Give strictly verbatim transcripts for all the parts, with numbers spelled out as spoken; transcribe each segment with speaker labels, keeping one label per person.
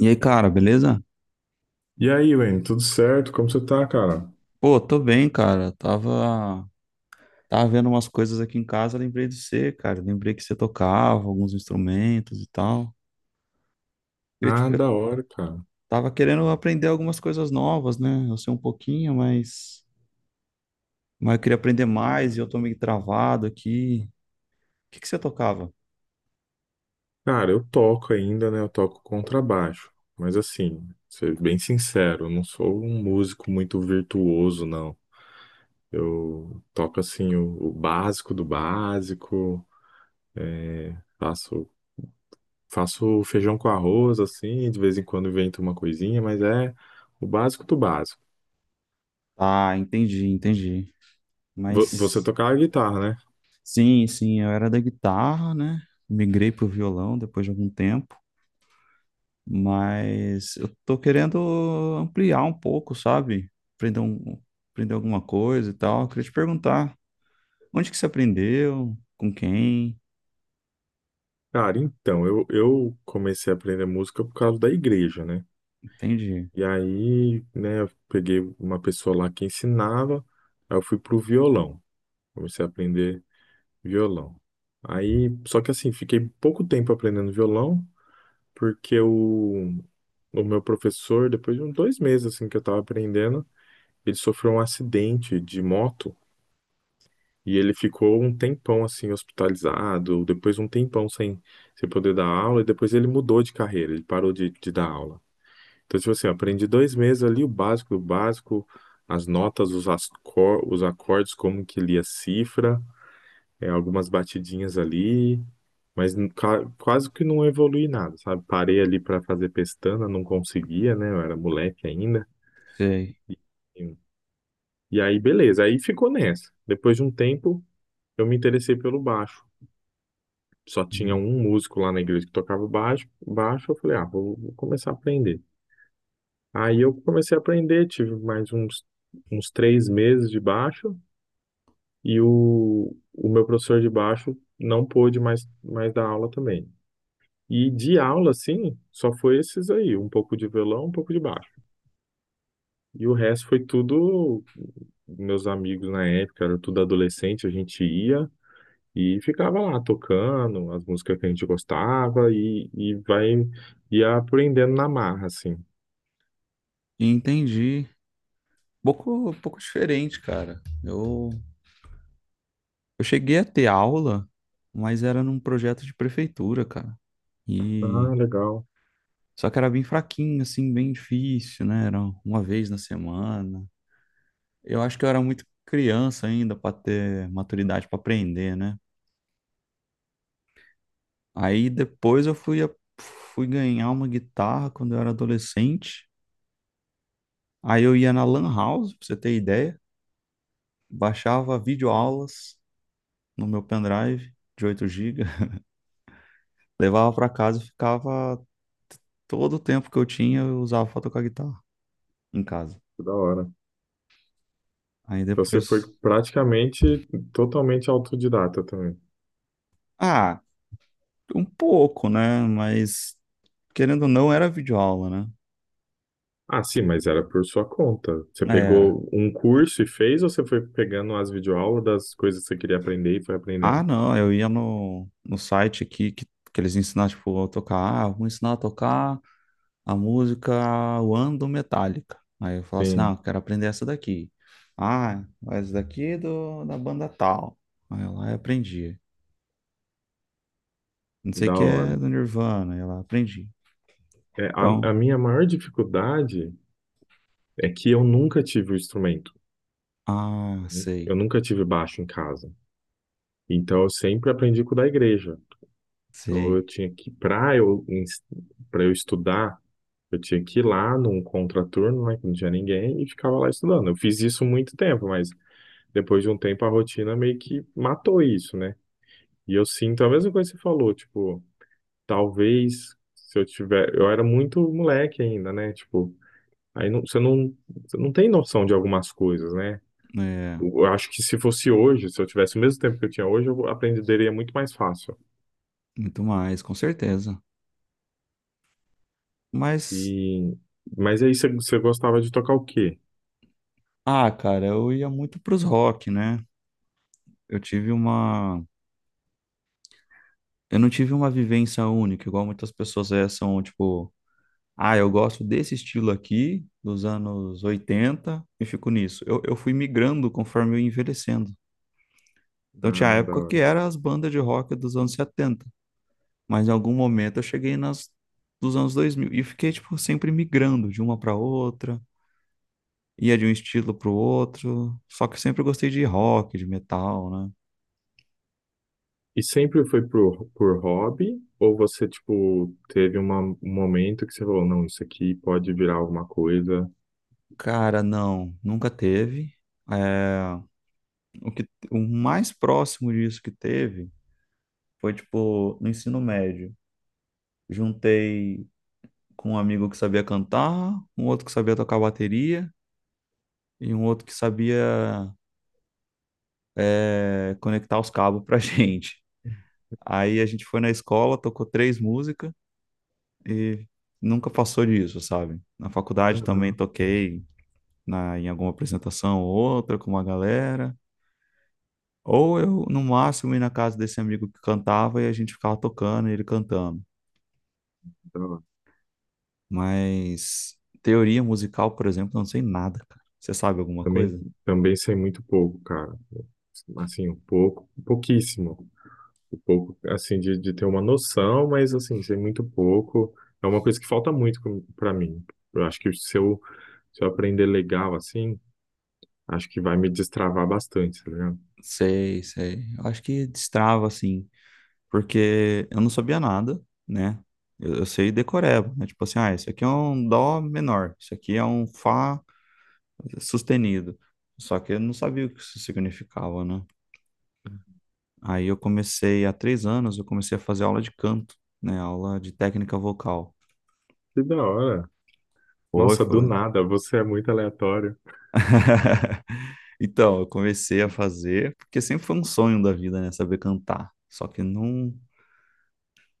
Speaker 1: E aí, cara, beleza?
Speaker 2: E aí, Wayne, tudo certo? Como você tá, cara?
Speaker 1: Pô, tô bem, cara. Tava, tava vendo umas coisas aqui em casa, lembrei de você, cara. Lembrei que você tocava alguns instrumentos e tal. Eu,
Speaker 2: Ah,
Speaker 1: tipo, eu
Speaker 2: da hora, cara.
Speaker 1: tava querendo aprender algumas coisas novas, né? Eu sei um pouquinho, mas, mas eu queria aprender mais e eu tô meio travado aqui. O que que você tocava?
Speaker 2: Cara, eu toco ainda, né? Eu toco contrabaixo. Mas assim, ser bem sincero, eu não sou um músico muito virtuoso, não. Eu toco assim o, o básico do básico, faço faço feijão com arroz assim, de vez em quando invento uma coisinha, mas é o básico do básico.
Speaker 1: Ah, entendi, entendi.
Speaker 2: Vo- Você
Speaker 1: Mas
Speaker 2: tocava guitarra, né?
Speaker 1: sim, sim, eu era da guitarra, né? Migrei pro violão depois de algum tempo. Mas eu tô querendo ampliar um pouco, sabe? Aprender, um, aprender alguma coisa e tal. Eu queria te perguntar, onde que você aprendeu? Com quem?
Speaker 2: Cara, então, eu, eu comecei a aprender música por causa da igreja, né?
Speaker 1: Entendi.
Speaker 2: E aí, né, eu peguei uma pessoa lá que ensinava, aí eu fui pro violão, comecei a aprender violão. Aí, só que assim, fiquei pouco tempo aprendendo violão, porque o, o meu professor, depois de uns dois meses assim que eu tava aprendendo, ele sofreu um acidente de moto e ele ficou um tempão assim hospitalizado, depois um tempão sem, sem poder dar aula, e depois ele mudou de carreira, ele parou de, de dar aula. Então, tipo assim, eu aprendi dois meses ali o básico o básico, as notas, os, ascor- os acordes, como que lia cifra, é, algumas batidinhas ali, mas n- ca- quase que não evolui nada, sabe? Parei ali para fazer pestana, não conseguia, né? Eu era moleque ainda.
Speaker 1: Sei.
Speaker 2: E e aí, beleza, aí ficou nessa. Depois de um tempo, eu me interessei pelo baixo. Só tinha
Speaker 1: Hum.
Speaker 2: um músico lá na igreja que tocava baixo, baixo, eu falei, ah, vou vou começar a aprender. Aí eu comecei a aprender, tive mais uns, uns três meses de baixo e o, o meu professor de baixo não pôde mais, mais dar aula também. E de aula, sim, só foi esses aí, um pouco de violão, um pouco de baixo. E o resto foi tudo, meus amigos na época, era tudo adolescente, a gente ia e ficava lá tocando as músicas que a gente gostava e, e vai, ia aprendendo na marra, assim.
Speaker 1: Entendi. Pouco, pouco diferente, cara. Eu, eu cheguei a ter aula, mas era num projeto de prefeitura, cara.
Speaker 2: Ah,
Speaker 1: E
Speaker 2: legal,
Speaker 1: só que era bem fraquinho, assim, bem difícil, né? Era uma vez na semana. Eu acho que eu era muito criança ainda para ter maturidade para aprender, né? Aí depois eu fui, a- fui ganhar uma guitarra quando eu era adolescente. Aí eu ia na Lan House, pra você ter ideia, baixava videoaulas no meu pendrive de oito gigas, levava para casa e ficava todo o tempo que eu tinha, eu usava pra tocar guitarra em casa.
Speaker 2: que da hora.
Speaker 1: Aí
Speaker 2: Então você foi
Speaker 1: depois,
Speaker 2: praticamente totalmente autodidata também.
Speaker 1: ah, um pouco, né? Mas querendo ou não, era videoaula, né?
Speaker 2: Ah, sim, mas era por sua conta. Você
Speaker 1: Era.
Speaker 2: pegou um curso e fez, ou você foi pegando as videoaulas das coisas que você queria aprender e foi
Speaker 1: Ah,
Speaker 2: aprendendo?
Speaker 1: não, eu ia no, no site aqui que, que eles ensinam, tipo, a tocar. Ah, vou ensinar a tocar a música One do Metallica. Aí eu falo assim, não,
Speaker 2: Sim,
Speaker 1: quero aprender essa daqui. Ah, essa daqui é do, da banda tal. Aí eu lá eu aprendi. Não sei o
Speaker 2: da
Speaker 1: que é
Speaker 2: hora.
Speaker 1: do Nirvana, aí eu lá aprendi.
Speaker 2: É, a,
Speaker 1: Então,
Speaker 2: a minha maior dificuldade é que eu nunca tive o instrumento.
Speaker 1: ah,
Speaker 2: Eu
Speaker 1: sei,
Speaker 2: nunca tive baixo em casa. Então eu sempre aprendi com o da igreja. Então eu
Speaker 1: sei.
Speaker 2: tinha que, para eu, para eu estudar, eu tinha que ir lá num contraturno, né, que não tinha ninguém, e ficava lá estudando. Eu fiz isso muito tempo, mas depois de um tempo a rotina meio que matou isso, né? E eu sinto a mesma coisa que você falou, tipo, talvez se eu tiver, eu era muito moleque ainda, né? Tipo, aí não, você não, você não tem noção de algumas coisas, né?
Speaker 1: É,
Speaker 2: Eu acho que se fosse hoje, se eu tivesse o mesmo tempo que eu tinha hoje, eu aprenderia muito mais fácil.
Speaker 1: muito mais, com certeza. Mas,
Speaker 2: E mas aí você, você gostava de tocar o quê?
Speaker 1: ah, cara, eu ia muito pros rock, né? Eu tive uma. Eu não tive uma vivência única, igual muitas pessoas é, são, tipo, ah, eu gosto desse estilo aqui, dos anos oitenta e fico nisso. Eu, eu fui migrando conforme eu ia envelhecendo. Então tinha
Speaker 2: Ah,
Speaker 1: época que
Speaker 2: da.
Speaker 1: era as bandas de rock dos anos setenta, mas em algum momento eu cheguei nas dos anos dois mil e fiquei, tipo, sempre migrando de uma para outra, ia de um estilo para o outro, só que eu sempre gostei de rock, de metal, né?
Speaker 2: E sempre foi por, por hobby? Ou você, tipo, teve uma- um momento que você falou, não, isso aqui pode virar alguma coisa?
Speaker 1: Cara, não, nunca teve. É... O que, o mais próximo disso que teve foi, tipo, no ensino médio. Juntei com um amigo que sabia cantar, um outro que sabia tocar bateria e um outro que sabia, é, conectar os cabos pra gente. Aí a gente foi na escola, tocou três músicas e nunca passou disso, sabe? Na faculdade também
Speaker 2: Aham,
Speaker 1: toquei na, em alguma apresentação ou outra com uma galera. Ou eu, no máximo, ia na casa desse amigo que cantava e a gente ficava tocando e ele cantando.
Speaker 2: tá. Lá.
Speaker 1: Mas teoria musical, por exemplo, eu não sei nada, cara. Você sabe alguma
Speaker 2: Também,
Speaker 1: coisa?
Speaker 2: também sei muito pouco, cara. Assim, um pouco, pouquíssimo. Um pouco, assim, de, de ter uma noção, mas, assim, sei muito pouco. É uma coisa que falta muito com- pra mim. Eu acho que se eu, se eu aprender legal, assim, acho que vai me destravar bastante, tá ligado?
Speaker 1: Sei, sei. Eu acho que destrava, assim, porque eu não sabia nada, né? Eu, eu sei decoreba, né? Tipo assim, ah, isso aqui é um dó menor, isso aqui é um fá sustenido. Só que eu não sabia o que isso significava, né? Aí eu comecei, há três anos, eu comecei a fazer aula de canto, né? Aula de técnica vocal.
Speaker 2: Que da hora.
Speaker 1: Foi,
Speaker 2: Nossa, do
Speaker 1: foi.
Speaker 2: nada, você é muito aleatório.
Speaker 1: Então, eu comecei a fazer, porque sempre foi um sonho da vida, né? Saber cantar. Só que não,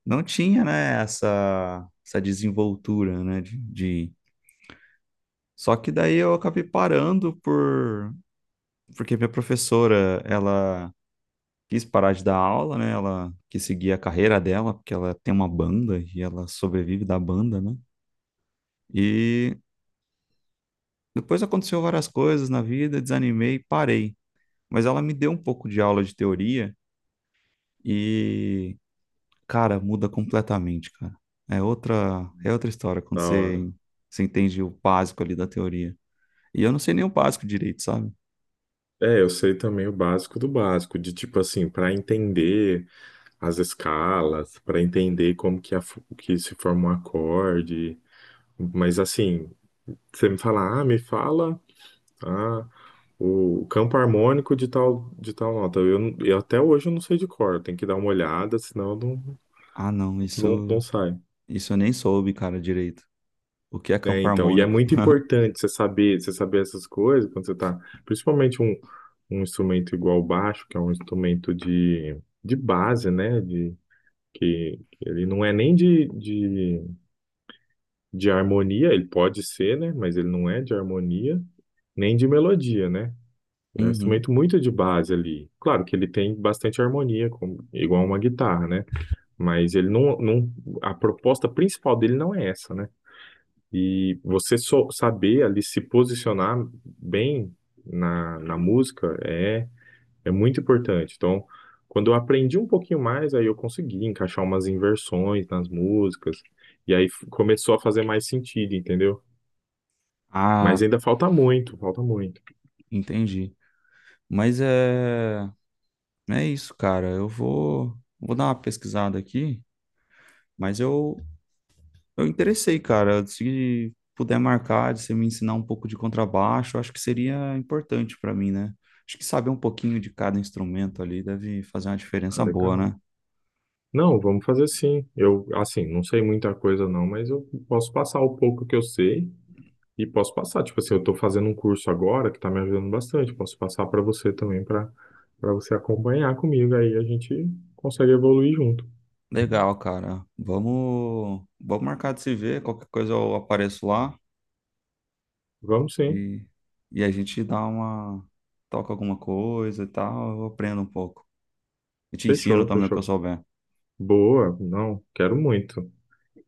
Speaker 1: não tinha, né, essa, essa desenvoltura, né? De, de... Só que daí eu acabei parando por... Porque minha professora, ela quis parar de dar aula, né? Ela quis seguir a carreira dela, porque ela tem uma banda e ela sobrevive da banda, né? E depois aconteceu várias coisas na vida, desanimei e parei. Mas ela me deu um pouco de aula de teoria e... Cara, muda completamente, cara. É outra, é outra história quando
Speaker 2: Da hora.
Speaker 1: você, você entende o básico ali da teoria. E eu não sei nem o básico direito, sabe?
Speaker 2: É, eu sei também o básico do básico, de tipo assim, para entender as escalas, para entender como que, a, fu- que se forma um acorde, mas assim, você me fala, ah, me fala, ah. O campo harmônico de tal, de tal nota. Eu, não- eu até hoje eu não sei de cor. Tem que dar uma olhada, senão eu não,
Speaker 1: Ah, não,
Speaker 2: não,
Speaker 1: isso,
Speaker 2: não sai.
Speaker 1: isso eu nem soube, cara, direito. O que é
Speaker 2: É,
Speaker 1: campo
Speaker 2: então, e é
Speaker 1: harmônico?
Speaker 2: muito importante você saber, você saber essas coisas quando você tá, principalmente um, um instrumento igual o baixo, que é um instrumento de, de base, né? De, que, que ele não é nem de, de, de harmonia, ele pode ser, né? Mas ele não é de harmonia, nem de melodia, né? Ele é um
Speaker 1: Uhum.
Speaker 2: instrumento muito de base ali. Claro que ele tem bastante harmonia, como- igual uma guitarra, né? Mas ele não, não, a proposta principal dele não é essa, né? E você só saber ali se posicionar bem na, na música é, é muito importante. Então, quando eu aprendi um pouquinho mais, aí eu consegui encaixar umas inversões nas músicas, e aí f- começou a fazer mais sentido, entendeu? Mas
Speaker 1: Ah,
Speaker 2: ainda falta muito, falta muito.
Speaker 1: entendi. Mas é, é isso, cara. Eu vou, vou dar uma pesquisada aqui, mas eu, Eu interessei, cara. Se puder marcar, de você me ensinar um pouco de contrabaixo, eu acho que seria importante para mim, né? Acho que saber um pouquinho de cada instrumento ali deve fazer uma
Speaker 2: Ah,
Speaker 1: diferença boa,
Speaker 2: legal.
Speaker 1: né?
Speaker 2: Não, vamos fazer sim. Eu, assim, não sei muita coisa não, mas eu posso passar o pouco que eu sei e posso passar. Tipo assim, eu estou fazendo um curso agora que está me ajudando bastante. Posso passar para você também, para para você acompanhar comigo. Aí a gente consegue evoluir junto.
Speaker 1: Legal, cara. Vamos, vamos marcar de se ver. Qualquer coisa eu apareço lá
Speaker 2: Vamos sim.
Speaker 1: e, e a gente dá uma, toca alguma coisa e tal. Eu aprendo um pouco. E te ensino
Speaker 2: Fechou,
Speaker 1: também o que eu
Speaker 2: fechou.
Speaker 1: souber.
Speaker 2: Boa. Não, quero muito.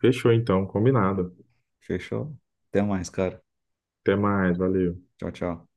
Speaker 2: Fechou então, combinado.
Speaker 1: Fechou? Até mais, cara.
Speaker 2: Até mais, valeu.
Speaker 1: Tchau, tchau.